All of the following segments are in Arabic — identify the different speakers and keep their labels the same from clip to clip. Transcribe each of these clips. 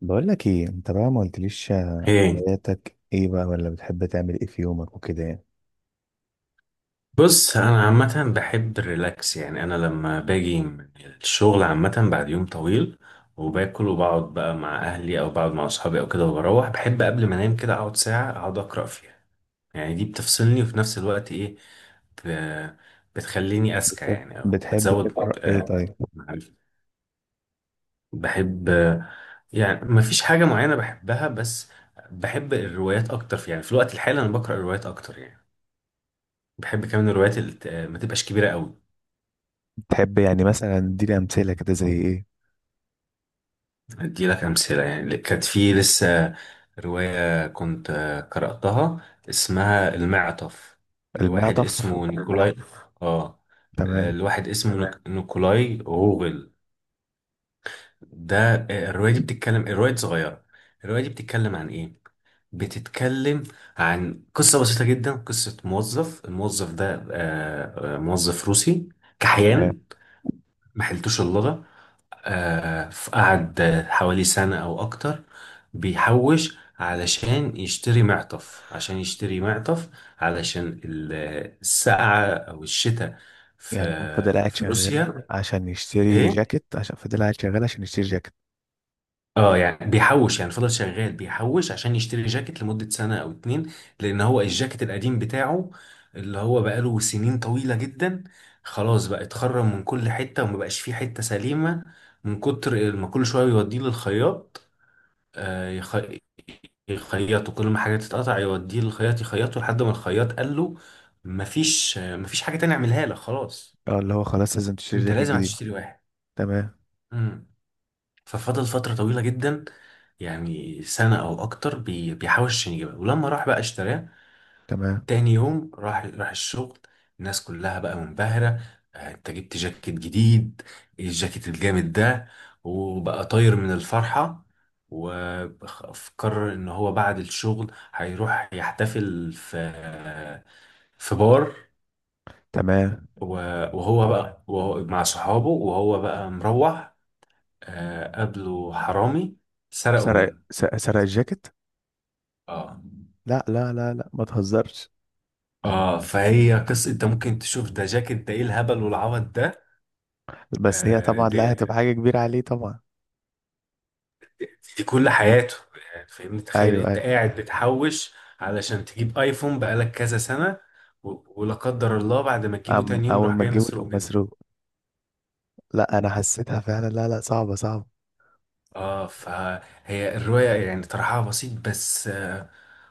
Speaker 1: بقول لك ايه انت بقى ما قلتليش
Speaker 2: ايه.
Speaker 1: هواياتك ايه بقى ولا بتحب تعمل ايه في يومك وكده يعني.
Speaker 2: بص انا عامه بحب الريلاكس، يعني انا لما باجي من الشغل عامه بعد يوم طويل وباكل وبقعد بقى مع اهلي او بقعد مع اصحابي او كده، وبروح بحب قبل ما انام كده اقعد ساعه اقعد اقرا فيها. يعني دي بتفصلني وفي نفس الوقت ايه، ب- بتخليني اذكى
Speaker 1: بتحب
Speaker 2: يعني، او
Speaker 1: بتحب
Speaker 2: بتزود
Speaker 1: تقرا ايه؟ طيب.
Speaker 2: معرفتي. بحب يعني ما فيش حاجه معينه بحبها، بس بحب الروايات اكتر، في يعني في الوقت الحالي انا بقرا روايات اكتر يعني. بحب كمان الروايات اللي ما تبقاش كبيره قوي.
Speaker 1: بتحب يعني مثلا اديني امثله كده زي ايه؟
Speaker 2: أدي لك أمثلة، يعني كانت في لسه رواية كنت قرأتها اسمها المعطف، لواحد
Speaker 1: المعطف.
Speaker 2: اسمه نيكولاي. آه.
Speaker 1: تمام.
Speaker 2: لواحد اسمه نيكولاي غوغل ده. الرواية دي صغيرة. الرواية دي بتتكلم عن إيه؟ بتتكلم عن قصة بسيطة جدا، قصة موظف، الموظف ده موظف روسي
Speaker 1: تمام.
Speaker 2: كحيان، ما حيلتوش اللغة. قعد حوالي سنة أو أكتر بيحوش علشان يشتري معطف، عشان يشتري معطف علشان السقعة أو الشتاء
Speaker 1: يعني هو فضل
Speaker 2: في
Speaker 1: قاعد
Speaker 2: في
Speaker 1: شغال
Speaker 2: روسيا.
Speaker 1: عشان يشتري
Speaker 2: إيه؟
Speaker 1: جاكيت عشان فضل قاعد شغال عشان يشتري جاكيت.
Speaker 2: اه يعني بيحوش، يعني فضل شغال بيحوش عشان يشتري جاكيت لمدة سنة أو اتنين، لأن هو الجاكيت القديم بتاعه اللي هو بقاله سنين طويلة جدا، خلاص بقى اتخرم من كل حتة ومبقاش فيه حتة سليمة من كتر ما كل شوية يوديه للخياط. آه، يخ... يخيطوا، كل ما حاجة تتقطع يوديه للخياط يخيطه، لحد ما الخياط قال له مفيش، مفيش حاجة تانية اعملها لك، خلاص
Speaker 1: اه اللي هو خلاص لازم تشتري
Speaker 2: انت
Speaker 1: جاكيت
Speaker 2: لازم
Speaker 1: جديد.
Speaker 2: هتشتري واحد.
Speaker 1: تمام.
Speaker 2: امم ففضل فترة طويلة جدا، يعني سنة او اكتر بيحاول عشان يجيبها، ولما راح بقى اشتراه
Speaker 1: تمام.
Speaker 2: تاني يوم راح الشغل، الناس كلها بقى منبهرة، انت جبت جاكيت جديد، إيه الجاكيت الجامد ده، وبقى طاير من الفرحة. وقرر ان هو بعد الشغل هيروح يحتفل في في بار.
Speaker 1: تمام.
Speaker 2: و- وهو مع صحابه وهو بقى مروح، قابله حرامي سرقوا منه.
Speaker 1: سرق الجاكيت؟
Speaker 2: اه.
Speaker 1: لا، لا، لا، لا، ما تهزرش.
Speaker 2: اه فهي قصة انت ممكن تشوف ده، جاكيت ده ايه الهبل والعبط ده،
Speaker 1: بس هي طبعا
Speaker 2: دي
Speaker 1: لا هتبقى حاجه كبيره عليه طبعا.
Speaker 2: في كل حياته، يعني فاهمني، تخيل
Speaker 1: ايوه.
Speaker 2: انت
Speaker 1: أيوه.
Speaker 2: قاعد بتحوش علشان تجيب ايفون بقالك كذا سنة، ولا قدر الله بعد ما تجيبه تاني يوم
Speaker 1: أول
Speaker 2: يروح
Speaker 1: ما
Speaker 2: جاي
Speaker 1: تجيبه
Speaker 2: مسروق
Speaker 1: تقوم
Speaker 2: منك.
Speaker 1: مسروق؟ لا، أنا حسيتها فعلا، لا، لا، صعبة، صعبة.
Speaker 2: اه فهي الرواية يعني طرحها بسيط، بس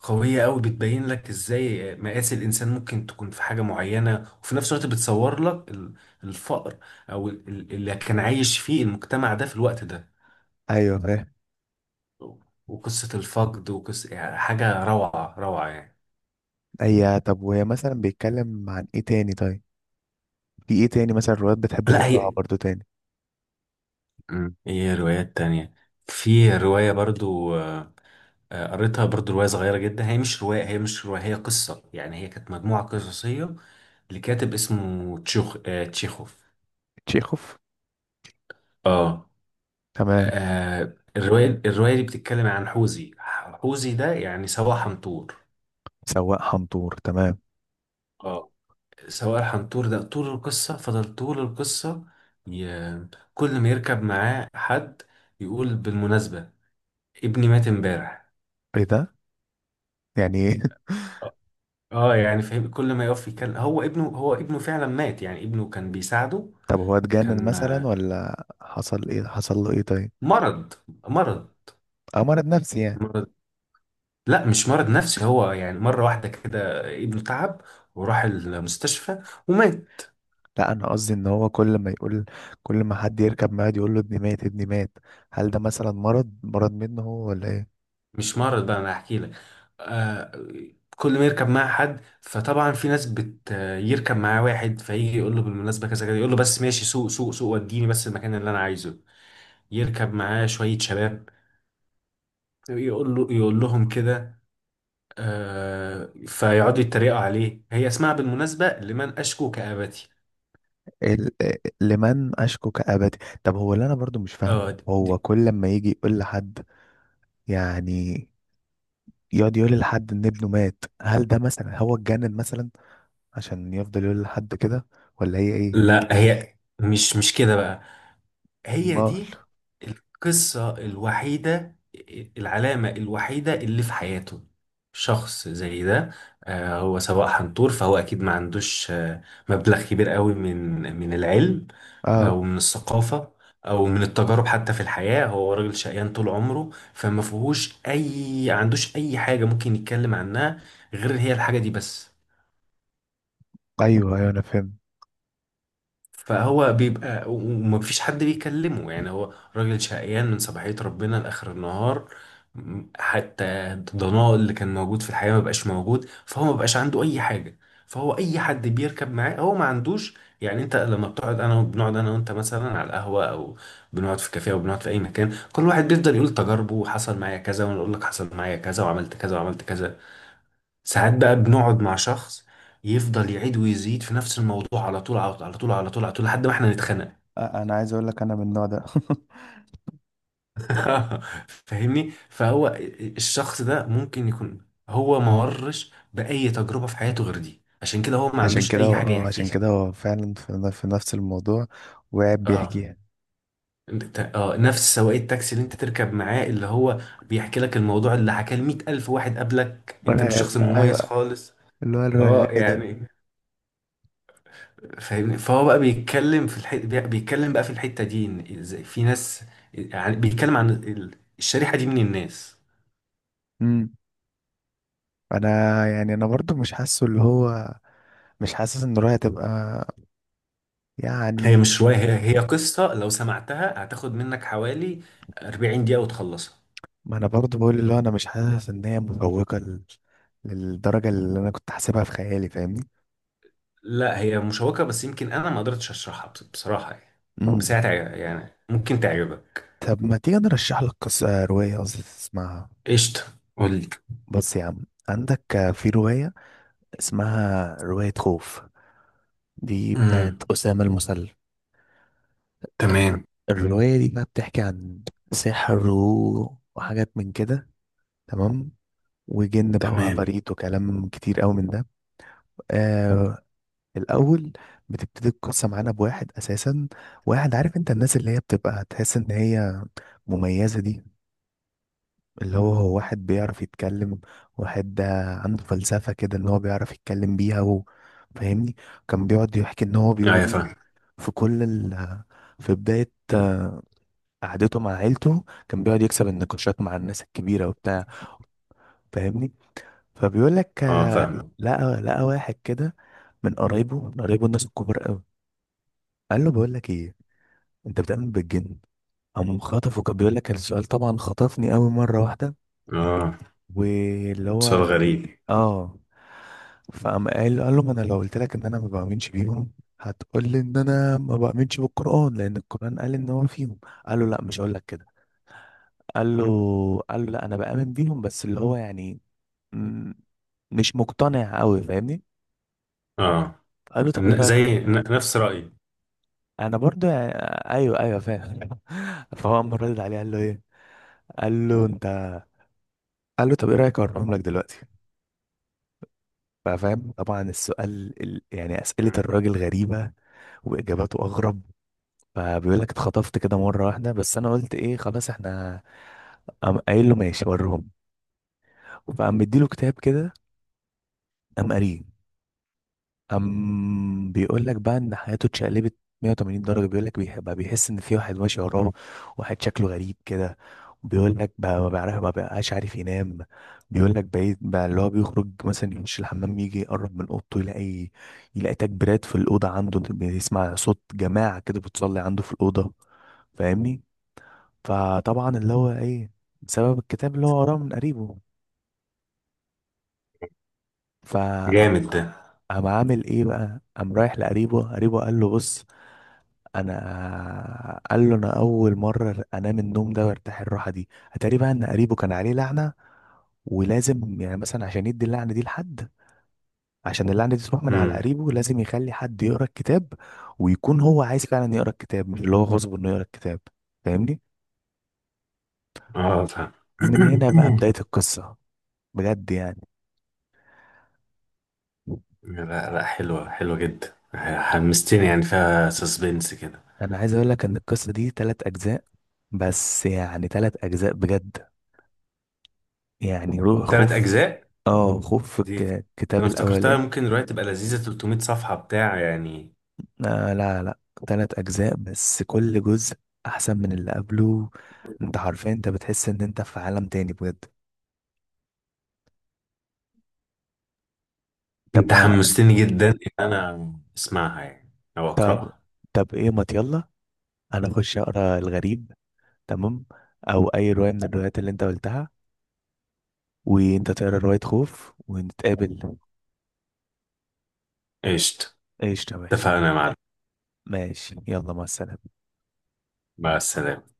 Speaker 2: قوية قوي، بتبين لك ازاي مقاس الانسان ممكن تكون في حاجة معينة، وفي نفس الوقت بتصور لك الفقر او اللي كان عايش فيه المجتمع ده في الوقت ده،
Speaker 1: أيوة، فاهم.
Speaker 2: وقصة الفقد، وقصة يعني حاجة روعة روعة يعني.
Speaker 1: هي طب وهي مثلا بيتكلم عن إيه تاني؟ طيب. في إيه تاني مثلا روايات بتحب
Speaker 2: لا
Speaker 1: تقراها
Speaker 2: هي
Speaker 1: برضو تاني؟
Speaker 2: ايه روايات تانية. في رواية برضو، قريتها برضو، رواية صغيرة جدا، هي مش رواية، هي قصة يعني، هي كانت مجموعة قصصية لكاتب اسمه تشيخوف.
Speaker 1: تشيخوف.
Speaker 2: اه.
Speaker 1: تمام.
Speaker 2: الرواية دي بتتكلم عن حوزي. حوزي ده يعني سواق حنطور.
Speaker 1: سواق حنطور. تمام.
Speaker 2: اه. سواق الحنطور ده طول القصة، فضل طول القصة ي... كل ما يركب معاه حد يقول بالمناسبة، ابني مات امبارح.
Speaker 1: إيه ده؟ يعني إيه؟
Speaker 2: اه يعني فاهم، كل ما يقف يتكلم هو ابنه، فعلا مات، يعني ابنه كان بيساعده.
Speaker 1: طب هو اتجنن
Speaker 2: كان
Speaker 1: مثلا ولا حصل إيه، حصل له إيه؟ طيب.
Speaker 2: مرض. مرض.
Speaker 1: أو مرض نفسي يعني؟
Speaker 2: مرض. لا مش مرض نفسي، هو يعني مرة واحدة كده ابنه تعب وراح المستشفى ومات.
Speaker 1: لا، أنا قصدي إن هو كل ما يقول، كل ما حد يركب معاه يقول له ابني مات، ابني مات، هل ده مثلا مرض منه هو ولا إيه؟
Speaker 2: مش مرض بقى، انا احكي لك. آه، كل ما يركب معاه حد فطبعا في ناس بت، يركب معاه واحد فيجي يقول له بالمناسبة كذا كذا، يقول له بس ماشي، سوق وديني بس المكان اللي انا عايزه. يركب معاه شوية شباب يقول له، يقول لهم كده، آه فيقعدوا يتريقوا عليه. هي اسمها بالمناسبة لمن أشكو كآبتي.
Speaker 1: ال- لمن أشكو كأبدي. طب هو اللي أنا برضو مش
Speaker 2: اه
Speaker 1: فاهمه، هو كل ما يجي يقول لحد، يعني يقعد يقول لحد إن ابنه مات، هل ده مثلا هو اتجنن مثلا عشان يفضل يقول لحد كده، ولا هي إيه؟
Speaker 2: لا هي مش كده بقى، هي
Speaker 1: أمال.
Speaker 2: دي القصة الوحيدة، العلامة الوحيدة اللي في حياته. شخص زي ده، آه هو سواق حنطور، فهو أكيد ما عندوش آه مبلغ كبير قوي من العلم،
Speaker 1: آه.
Speaker 2: او من الثقافه، او من التجارب حتى في الحياه. هو راجل شقيان طول عمره، فما فيهوش اي، ما عندوش اي حاجه ممكن يتكلم عنها غير هي الحاجه دي بس.
Speaker 1: أيوه، أيوه، أنا فهمت.
Speaker 2: فهو بيبقى ومفيش حد بيكلمه، يعني هو راجل شقيان من صباحية ربنا لآخر النهار، حتى الضناء اللي كان موجود في الحياة مبقاش موجود، فهو مبقاش عنده أي حاجة. فهو أي حد بيركب معاه هو ما عندوش، يعني أنت لما بتقعد، أنا بنقعد أنا وأنت مثلا على القهوة أو بنقعد في كافيه أو بنقعد في أي مكان، كل واحد بيفضل يقول تجاربه، وحصل معايا كذا، وأنا أقول لك حصل معايا كذا وعملت كذا وعملت كذا. ساعات بقى بنقعد مع شخص يفضل يعيد ويزيد في نفس الموضوع، على طول على طول على طول على طول على طول، لحد ما احنا نتخنق.
Speaker 1: أنا عايز أقول لك أنا من النوع ده.
Speaker 2: فاهمني، فهو الشخص ده ممكن يكون هو ما مرش بأي تجربة في حياته غير دي، عشان كده هو ما
Speaker 1: عشان
Speaker 2: عندوش
Speaker 1: كده
Speaker 2: أي
Speaker 1: هو
Speaker 2: حاجة يحكي
Speaker 1: عشان
Speaker 2: لك.
Speaker 1: كده هو فعلا في نفس الموضوع وقاعد
Speaker 2: اه
Speaker 1: بيحكيها.
Speaker 2: نفس سواق التاكسي اللي انت تركب معاه، اللي هو بيحكي لك الموضوع اللي حكاه لمية ألف واحد قبلك، انت مش
Speaker 1: مرعب.
Speaker 2: شخص مميز
Speaker 1: أيوه.
Speaker 2: خالص.
Speaker 1: اللي هو
Speaker 2: اه
Speaker 1: الرغاي ده.
Speaker 2: يعني فاهمني، فهو بقى بيتكلم في بيتكلم بقى في الحتة دي، ان ازاي في ناس، يعني بيتكلم عن الشريحة دي من الناس.
Speaker 1: أمم. أنا يعني أنا برضو مش حاسه اللي هو مش حاسس ان رؤيا تبقى
Speaker 2: هي
Speaker 1: يعني.
Speaker 2: مش رواية، هي قصة، لو سمعتها هتاخد منك حوالي 40 دقيقة وتخلصها.
Speaker 1: ما انا برضو بقول اللي هو انا مش حاسس ان هي مفوقة للدرجة اللي انا كنت حاسبها في خيالي. فاهمني؟
Speaker 2: لا هي مشوقة، بس يمكن انا ما قدرتش اشرحها بصراحة يعني، بس
Speaker 1: مم.
Speaker 2: هي يعني ممكن تعجبك.
Speaker 1: طب ما تيجي نرشح لك قصة، رواية قصدي، تسمعها؟
Speaker 2: قشطة، قول لي.
Speaker 1: بص يا عم، عندك في رواية اسمها رواية خوف، دي بتاعت
Speaker 2: امم،
Speaker 1: أسامة المسلم. الر-
Speaker 2: تمام
Speaker 1: الرواية دي بقى بتحكي عن سحر وحاجات من كده، تمام، وجن بقى
Speaker 2: تمام.
Speaker 1: وعفاريت وكلام كتير قوي من ده. آه. الاول بتبتدي القصه معانا بواحد اساسا، واحد، عارف انت الناس اللي هي بتبقى تحس ان هي مميزه دي، اللي هو هو واحد بيعرف يتكلم، واحد عنده فلسفه كده ان هو بيعرف يتكلم بيها و... فاهمني. كان بيقعد يحكي ان هو
Speaker 2: ايوه
Speaker 1: بيقول
Speaker 2: فاهم.
Speaker 1: في كل في بدايه قعدته مع عيلته، كان بيقعد يكسب النقاشات مع الناس الكبيره وبتاع، فاهمني. فبيقول لك
Speaker 2: اه فاهم.
Speaker 1: لقى واحد كده من قرايبه، من قرايبه الناس الكبار قوي، قال له بقول لك ايه، انت بتؤمن بالجن؟ قام خطفه، كان بيقول لك السؤال طبعا خطفني قوي مره واحده،
Speaker 2: اه،
Speaker 1: واللي
Speaker 2: سؤال
Speaker 1: هو
Speaker 2: غريب.
Speaker 1: اه، فقام قال له ما انا لو قلت لك ان انا ما بؤمنش بيهم، هتقول لي ان انا ما بؤمنش بالقران لان القران قال ان هو فيهم. قال له لا مش هقول لك كده، قال له قال له لا انا بامن بيهم بس اللي هو يعني م- مش مقتنع قوي فاهمني.
Speaker 2: اه،
Speaker 1: قال له طب ايه رايك؟
Speaker 2: زي نفس رأيي.
Speaker 1: انا برضو ايوه، ايوه، فاهم. فهو قام رد عليه، قال له ايه، قال له انت، قال له طب ايه رايك اقربهم لك دلوقتي؟ ففاهم طبعا السؤال يعني اسئله الراجل غريبه واجاباته اغرب. فبيقول لك اتخطفت كده مره واحده بس انا قلت ايه خلاص احنا، قام قايل له ماشي وريهم. فقام مديله كتاب كده، قام قاريه. بيقول لك بقى إن حياته اتشقلبت 180 درجة. بيقول لك بقى بيحس إن في واحد ماشي وراه، واحد شكله غريب كده. بيقول لك بقى ما بقاش عارف ينام. بيقول لك بقيت بقى اللي هو بيخرج مثلا يخش الحمام، يجي يقرب من أوضته، يلاقي تكبيرات في الأوضة عنده، بيسمع صوت جماعة كده بتصلي عنده في الأوضة، فاهمني. فطبعا اللي هو إيه؟ بسبب الكتاب اللي هو وراه من قريبه. فقام
Speaker 2: جامد ده.
Speaker 1: عامل ايه بقى، قام رايح لقريبه، قريبه، قال له بص، انا قال له انا اول مره انام النوم ده وارتاح الراحه دي. اتاري بقى ان قريبه كان عليه لعنه، ولازم يعني مثلا عشان يدي اللعنه دي لحد، عشان اللعنه دي تروح من على
Speaker 2: امم.
Speaker 1: قريبه لازم يخلي حد يقرا الكتاب، ويكون هو عايز فعلا يقرا الكتاب مش اللي هو غصب انه يقرا الكتاب، فاهمني.
Speaker 2: اه فاهم.
Speaker 1: ومن هنا بقى بدايه القصه، بجد يعني.
Speaker 2: لا لا، حلوة حلوة جدا، حمستني يعني، فيها سسبنس كده.
Speaker 1: انا عايز اقول لك ان القصه دي ثلاث اجزاء، بس يعني ثلاث اجزاء بجد يعني، روح
Speaker 2: تلات
Speaker 1: خوف.
Speaker 2: أجزاء
Speaker 1: اه خوف في
Speaker 2: دي؟
Speaker 1: الكتاب
Speaker 2: أنا افتكرتها
Speaker 1: الاولاني.
Speaker 2: ممكن دلوقتي تبقى لذيذة 300 صفحة بتاع يعني.
Speaker 1: آه لا، لا، تلات أجزاء بس كل جزء أحسن من اللي قبله. أنت حرفيا أنت بتحس إن أنت في عالم تاني بجد. طب
Speaker 2: أنت
Speaker 1: بقى-
Speaker 2: حمستني جدا إن أنا أسمعها يعني، أو
Speaker 1: طب
Speaker 2: أقرأها.
Speaker 1: طب إيه، ما يلا، أنا أخش أقرأ الغريب، تمام، أو أي رواية من الروايات اللي أنت قلتها، وأنت تقرأ رواية خوف ونتقابل.
Speaker 2: قشطة،
Speaker 1: قشطة، ماشي.
Speaker 2: اتفقنا يا معلم.
Speaker 1: ماشي، يلا، مع السلامة.
Speaker 2: مع السلامة.